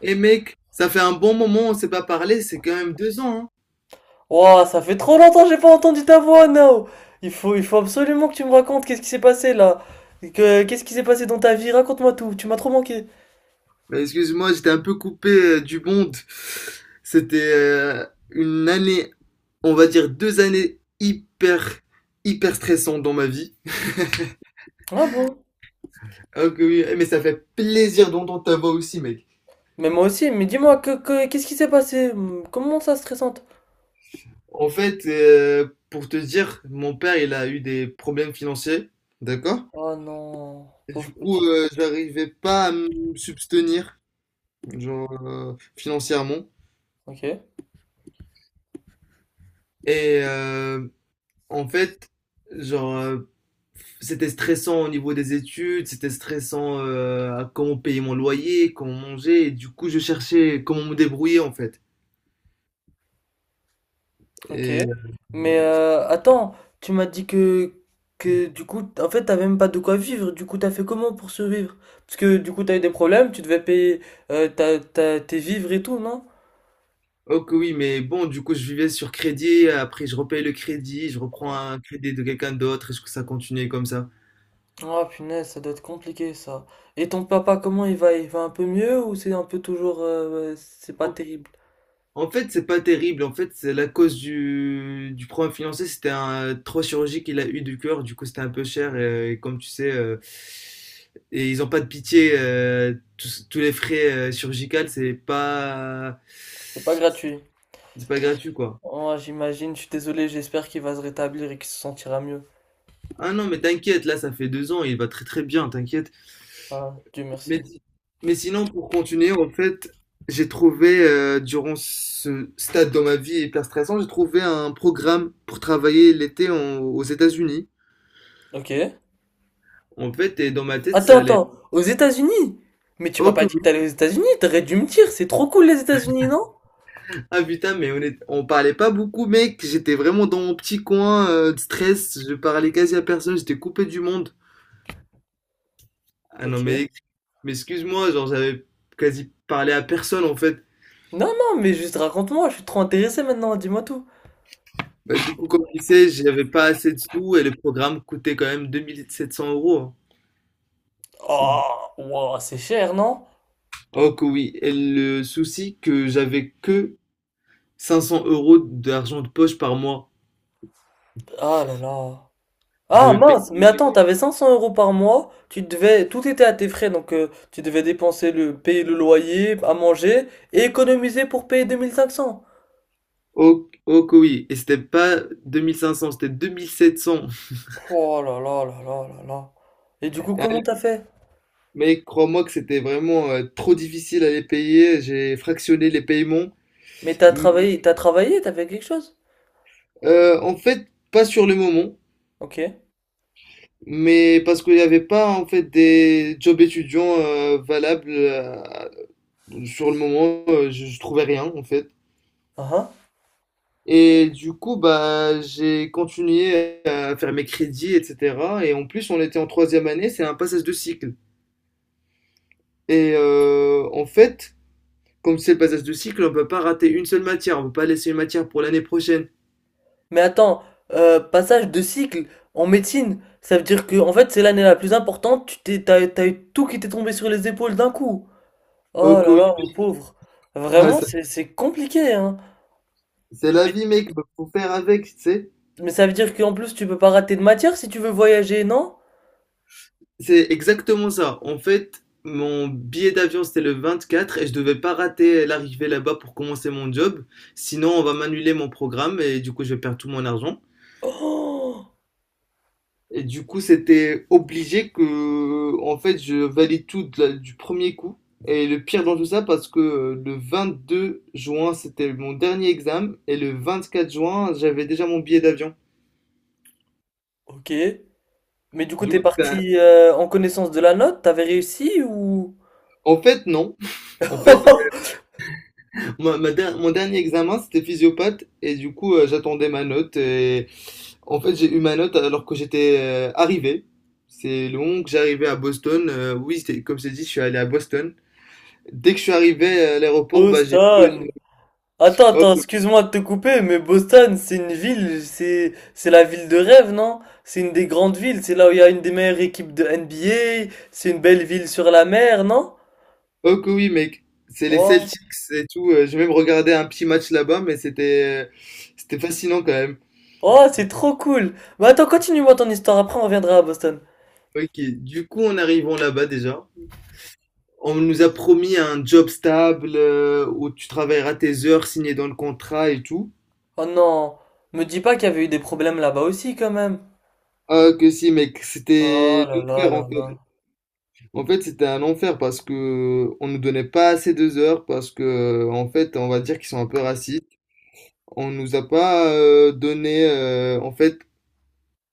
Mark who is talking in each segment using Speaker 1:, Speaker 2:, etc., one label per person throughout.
Speaker 1: Et mec, ça fait un bon moment, on s'est pas parlé, c'est quand même 2 ans, hein.
Speaker 2: Wow, ça fait trop longtemps que j'ai pas entendu ta voix, Nao. Il faut absolument que tu me racontes qu'est-ce qui s'est passé là. Qu'est-ce qui s'est passé dans ta vie? Raconte-moi tout, tu m'as trop manqué.
Speaker 1: Bah, excuse-moi, j'étais un peu coupé du monde. C'était une année, on va dire 2 années hyper, hyper stressantes dans ma vie.
Speaker 2: Ah bon?
Speaker 1: Ah que oui, mais ça fait plaisir d'entendre ta voix aussi, mec.
Speaker 2: Mais moi aussi, mais dis-moi, qu'est-ce qui s'est passé? Comment ça, stressante?
Speaker 1: En fait, pour te dire, mon père, il a eu des problèmes financiers, d'accord?
Speaker 2: Oh non,
Speaker 1: Et
Speaker 2: pauvre
Speaker 1: du coup,
Speaker 2: petit.
Speaker 1: j'arrivais pas à me subvenir, genre financièrement.
Speaker 2: Ok,
Speaker 1: Et en fait, genre, c'était stressant au niveau des études, c'était stressant, à comment payer mon loyer, comment manger et du coup, je cherchais comment me débrouiller, en fait.
Speaker 2: ok.
Speaker 1: Et
Speaker 2: Mais attends, tu m'as dit que du coup, en fait, t'avais même pas de quoi vivre. Du coup, t'as fait comment pour survivre? Parce que du coup, t'as eu des problèmes, tu devais payer tes vivres et tout, non?
Speaker 1: oh oui, mais bon, du coup, je vivais sur crédit, après je repaye le crédit, je reprends un crédit de quelqu'un d'autre et jusque ça continuait comme ça.
Speaker 2: Oh punaise, ça doit être compliqué ça. Et ton papa, comment il va? Il va un peu mieux ou c'est un peu toujours... ouais, c'est pas terrible?
Speaker 1: En fait, c'est pas terrible. En fait, c'est la cause du problème financier. C'était un trois chirurgie qu'il a eu du cœur. Du coup, c'était un peu cher. Et comme tu sais, et ils ont pas de pitié. Tous les frais chirurgicaux, c'est pas,
Speaker 2: C'est pas gratuit.
Speaker 1: c'est pas gratuit, quoi.
Speaker 2: Oh, j'imagine, je suis désolé, j'espère qu'il va se rétablir et qu'il se sentira mieux.
Speaker 1: Ah non, mais t'inquiète. Là, ça fait 2 ans. Il va très très bien. T'inquiète.
Speaker 2: Ah, Dieu merci.
Speaker 1: Mais si, mais sinon, pour continuer, en fait, j'ai trouvé durant ce stade dans ma vie hyper stressant, j'ai trouvé un programme pour travailler l'été aux États-Unis.
Speaker 2: Ok.
Speaker 1: En fait, et dans ma tête,
Speaker 2: Attends,
Speaker 1: ça allait.
Speaker 2: attends, aux États-Unis? Mais tu m'as
Speaker 1: Oh
Speaker 2: pas
Speaker 1: que
Speaker 2: dit que
Speaker 1: oui.
Speaker 2: t'allais aux États-Unis, t'aurais dû me dire, c'est trop cool les États-Unis, non?
Speaker 1: Ah putain, mais on parlait pas beaucoup, mec. J'étais vraiment dans mon petit coin de stress. Je parlais quasi à personne. J'étais coupé du monde. Ah
Speaker 2: Ok.
Speaker 1: non, mais excuse-moi, genre j'avais quasi parlé à personne en fait.
Speaker 2: Non, non, mais juste raconte-moi, je suis trop intéressé maintenant, dis-moi tout.
Speaker 1: Bah, du coup, comme tu sais, j'avais pas assez de sous et le programme coûtait quand même 2700 euros, hein.
Speaker 2: Oh, wow, c'est cher, non?
Speaker 1: Oh que oui. Et le souci que j'avais que 500 € d'argent de poche par mois.
Speaker 2: Ah là là.
Speaker 1: Je
Speaker 2: Ah
Speaker 1: devais
Speaker 2: mince, mais attends,
Speaker 1: payer.
Speaker 2: t'avais 500 euros par mois, tu devais, tout était à tes frais, donc tu devais dépenser le, payer le loyer, à manger, et économiser pour payer 2500.
Speaker 1: Oh, oh que oui, et c'était pas 2 500, c'était 2 700.
Speaker 2: Pff, oh là là là là là là. Et du coup,
Speaker 1: Ah,
Speaker 2: comment t'as fait?
Speaker 1: mais crois-moi que c'était vraiment trop difficile à les payer, j'ai fractionné les paiements.
Speaker 2: Mais t'as
Speaker 1: Mais,
Speaker 2: travaillé, t'as travaillé, t'as fait quelque chose?
Speaker 1: en fait, pas sur le moment,
Speaker 2: Ok.
Speaker 1: mais parce qu'il n'y avait pas en fait des jobs étudiants valables sur le moment, je trouvais rien en fait.
Speaker 2: Ah ah.
Speaker 1: Et du coup, bah, j'ai continué à faire mes crédits, etc. Et en plus, on était en troisième année, c'est un passage de cycle. Et en fait, comme c'est le passage de cycle, on peut pas rater une seule matière, on peut pas laisser une matière pour l'année prochaine.
Speaker 2: Mais attends, passage de cycle en médecine, ça veut dire que, en fait, c'est l'année la plus importante, t'as eu tout qui t'est tombé sur les épaules d'un coup. Oh
Speaker 1: Oh que
Speaker 2: là
Speaker 1: oui.
Speaker 2: là, mon pauvre.
Speaker 1: Ah,
Speaker 2: Vraiment,
Speaker 1: ça-
Speaker 2: c'est compliqué, hein.
Speaker 1: c'est la vie mec, faut faire avec, tu sais.
Speaker 2: Mais ça veut dire qu'en plus, tu peux pas rater de matière si tu veux voyager, non?
Speaker 1: C'est exactement ça. En fait, mon billet d'avion c'était le 24 et je devais pas rater l'arrivée là-bas pour commencer mon job, sinon on va m'annuler mon programme et du coup je vais perdre tout mon argent.
Speaker 2: Oh,
Speaker 1: Et du coup, c'était obligé que, en fait, je valide tout de du premier coup. Et le pire dans tout ça, parce que le 2 juin, c'était mon dernier examen, et le 24 juin, j'avais déjà mon billet d'avion.
Speaker 2: ok. Mais du coup,
Speaker 1: Du
Speaker 2: t'es
Speaker 1: coup, c'était
Speaker 2: parti en connaissance de la note, t'avais réussi ou...
Speaker 1: en fait, non. En fait, mon dernier examen, c'était physiopathe, et du coup, j'attendais ma note, et en fait, j'ai eu ma note alors que j'étais arrivé. C'est long que j'arrivais à Boston. Oui, comme c'est dit, je suis allé à Boston. Dès que je suis arrivé à l'aéroport, bah, j'ai vu.
Speaker 2: Boston! Attends,
Speaker 1: Oh,
Speaker 2: attends, excuse-moi de te couper, mais Boston, c'est une ville, c'est la ville de rêve, non? C'est une des grandes villes, c'est là où il y a une des meilleures équipes de NBA, c'est une belle ville sur la mer, non?
Speaker 1: oh que oui, mec, c'est les
Speaker 2: Oh,
Speaker 1: Celtics et tout. J'ai même regardé un petit match là-bas, mais c'était fascinant quand même.
Speaker 2: oh, c'est trop cool! Bah attends, continue-moi ton histoire, après on reviendra à Boston.
Speaker 1: Ok, du coup, en arrivant là-bas déjà, on nous a promis un job stable où tu travailleras tes heures signées dans le contrat et tout.
Speaker 2: Oh non, me dis pas qu'il y avait eu des problèmes là-bas aussi quand même.
Speaker 1: Ah que si, mec,
Speaker 2: Oh
Speaker 1: c'était
Speaker 2: là là
Speaker 1: l'enfer en
Speaker 2: là là.
Speaker 1: fait. En fait, c'était un enfer parce que on nous donnait pas assez de heures parce que en fait, on va dire qu'ils sont un peu racistes. On nous a pas donné, en fait,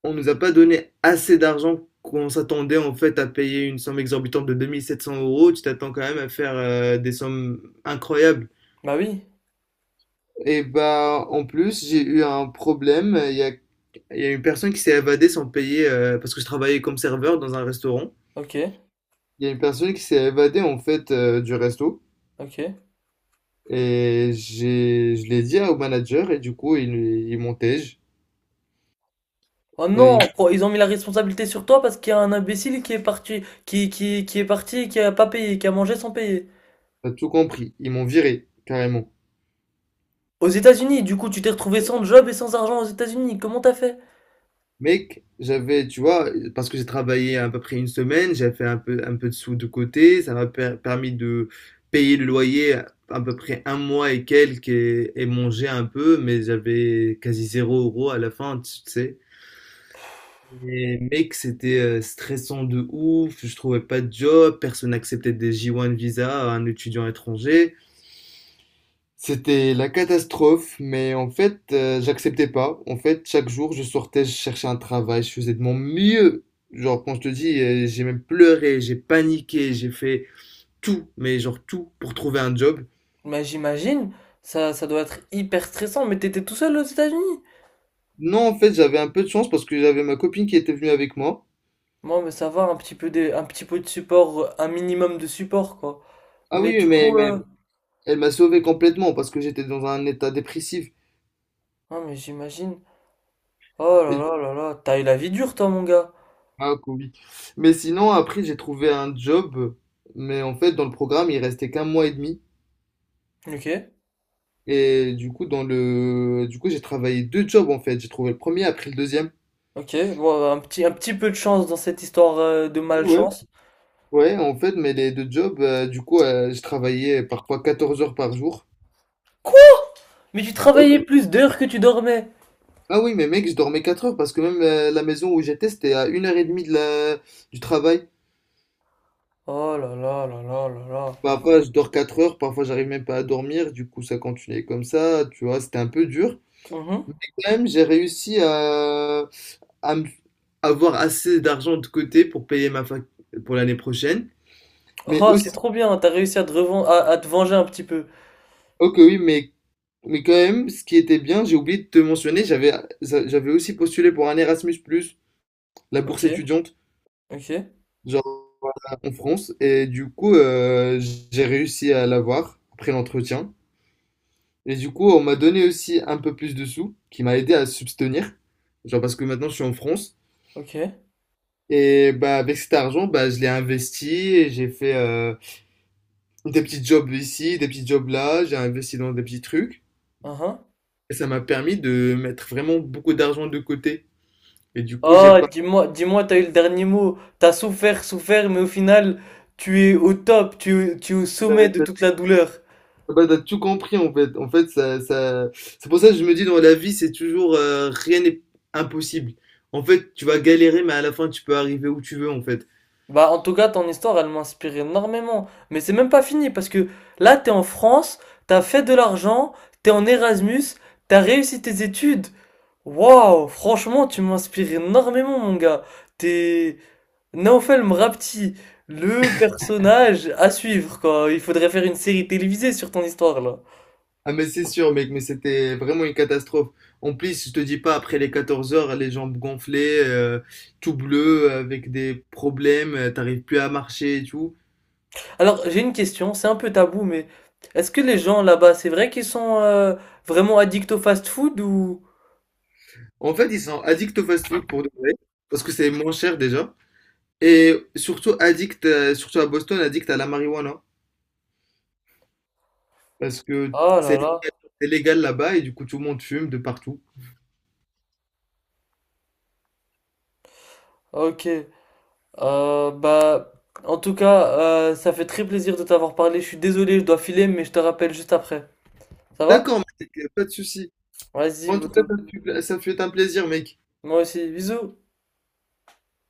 Speaker 1: on nous a pas donné assez d'argent qu'on s'attendait en fait à payer une somme exorbitante de 2700 euros. Tu t'attends quand même à faire des sommes incroyables.
Speaker 2: Bah oui,
Speaker 1: Et bah en plus j'ai eu un problème. Il y a une personne qui s'est évadée sans payer parce que je travaillais comme serveur dans un restaurant.
Speaker 2: ok,
Speaker 1: Il y a une personne qui s'est évadée en fait du resto
Speaker 2: ok.
Speaker 1: et j'ai je l'ai dit au manager et du coup ils m'ont tège.
Speaker 2: Oh
Speaker 1: Et
Speaker 2: non,
Speaker 1: ils
Speaker 2: oh, ils ont mis la responsabilité sur toi parce qu'il y a un imbécile qui est parti, qui est parti et qui a pas payé, qui a mangé sans payer.
Speaker 1: m'ont tout compris. Ils m'ont viré carrément.
Speaker 2: Aux États-Unis, du coup, tu t'es retrouvé sans job et sans argent aux États-Unis. Comment t'as fait?
Speaker 1: Mec, j'avais, tu vois, parce que j'ai travaillé à peu près une semaine, j'avais fait un peu de sous de côté, ça m'a permis de payer le loyer à peu près un mois et quelques et manger un peu, mais j'avais quasi 0 euro à la fin, tu sais. Et mec, c'était stressant de ouf, je trouvais pas de job, personne n'acceptait des J1 visa à un étudiant étranger. C'était la catastrophe, mais en fait, j'acceptais pas. En fait, chaque jour, je sortais, je cherchais un travail, je faisais de mon mieux. Genre, quand je te dis, j'ai même pleuré, j'ai paniqué, j'ai fait tout, mais genre tout, pour trouver un job.
Speaker 2: Mais j'imagine, ça doit être hyper stressant, mais t'étais tout seul aux États-Unis.
Speaker 1: Non, en fait, j'avais un peu de chance parce que j'avais ma copine qui était venue avec moi.
Speaker 2: Moi, mais ça va, un petit peu de support, un minimum de support, quoi.
Speaker 1: Ah
Speaker 2: Mais
Speaker 1: oui, oui,
Speaker 2: du
Speaker 1: mais,
Speaker 2: coup,
Speaker 1: mais elle m'a sauvé complètement parce que j'étais dans un état dépressif.
Speaker 2: non, mais j'imagine. Oh là
Speaker 1: Et du-
Speaker 2: là là là, t'as eu la vie dure toi mon gars.
Speaker 1: ah, Covid. Mais sinon, après, j'ai trouvé un job, mais en fait, dans le programme, il restait qu'un mois et demi.
Speaker 2: Ok,
Speaker 1: Et du coup, dans le... du coup, j'ai travaillé deux jobs en fait. J'ai trouvé le premier, après le deuxième.
Speaker 2: ok, bon un petit peu de chance dans cette histoire de
Speaker 1: Ouais.
Speaker 2: malchance.
Speaker 1: Ouais, en fait, mais les deux jobs, du coup, je travaillais parfois 14 heures par jour.
Speaker 2: Quoi? Mais tu travaillais
Speaker 1: Ok.
Speaker 2: plus d'heures que tu dormais.
Speaker 1: Ah oui, mais mec, je dormais 4 heures parce que même la maison où j'étais, c'était à une heure et demie de la... du travail.
Speaker 2: Oh là là là là là là.
Speaker 1: Parfois, je dors 4 heures, parfois, j'arrive même pas à dormir. Du coup, ça continuait comme ça, tu vois, c'était un peu dur. Mais
Speaker 2: Mhm.
Speaker 1: quand même, j'ai réussi à avoir assez d'argent de côté pour payer ma fac pour l'année prochaine. Mais
Speaker 2: Oh, c'est
Speaker 1: aussi,
Speaker 2: trop bien, t'as réussi à te venger un petit peu.
Speaker 1: ok, oui, mais quand même, ce qui était bien, j'ai oublié de te mentionner, j'avais aussi postulé pour un Erasmus+, la
Speaker 2: Ok,
Speaker 1: bourse étudiante,
Speaker 2: ok,
Speaker 1: genre en France, et du coup, j'ai réussi à l'avoir après l'entretien. Et du coup, on m'a donné aussi un peu plus de sous, qui m'a aidé à subvenir, genre parce que maintenant je suis en France.
Speaker 2: ok.
Speaker 1: Et bah avec cet argent, bah je l'ai investi et j'ai fait des petits jobs ici, des petits jobs là, j'ai investi dans des petits trucs.
Speaker 2: Uhum.
Speaker 1: Et ça m'a permis de mettre vraiment beaucoup d'argent de côté. Et du coup, j'ai
Speaker 2: Oh,
Speaker 1: pas.
Speaker 2: dis-moi, dis-moi, t'as eu le dernier mot. T'as souffert, souffert, mais au final, tu es au top, tu es au sommet de toute la douleur.
Speaker 1: Bah, t'as tout compris en fait. En fait, ça... c'est pour ça que je me dis dans la vie, c'est toujours rien n'est impossible. En fait, tu vas galérer, mais à la fin, tu peux arriver où tu veux en fait.
Speaker 2: Bah, en tout cas, ton histoire, elle m'inspire énormément. Mais c'est même pas fini parce que là, t'es en France, t'as fait de l'argent, t'es en Erasmus, t'as réussi tes études. Waouh, franchement, tu m'inspires énormément, mon gars. T'es Naofel Mrapti, le personnage à suivre, quoi. Il faudrait faire une série télévisée sur ton histoire, là.
Speaker 1: Ah, mais c'est sûr, mec, mais c'était vraiment une catastrophe. En plus, je te dis pas, après les 14 heures, les jambes gonflées, tout bleu, avec des problèmes, t'arrives plus à marcher et tout.
Speaker 2: Alors, j'ai une question, c'est un peu tabou, mais est-ce que les gens là-bas, c'est vrai qu'ils sont vraiment addicts au fast-food ou...
Speaker 1: En fait, ils sont addicts au fast-food pour de vrai, parce que c'est moins cher déjà. Et surtout addict, surtout à Boston, addict à la marijuana. Parce que
Speaker 2: Oh là
Speaker 1: c'est
Speaker 2: là,
Speaker 1: c'est légal là-bas et du coup tout le monde fume de partout.
Speaker 2: ok. Euh, bah, En tout cas, ça fait très plaisir de t'avoir parlé. Je suis désolé, je dois filer, mais je te rappelle juste après. Ça va?
Speaker 1: D'accord, mec, pas de souci.
Speaker 2: Vas-y,
Speaker 1: En tout cas,
Speaker 2: Boto.
Speaker 1: ça fut un plaisir, mec.
Speaker 2: Moi aussi, bisous.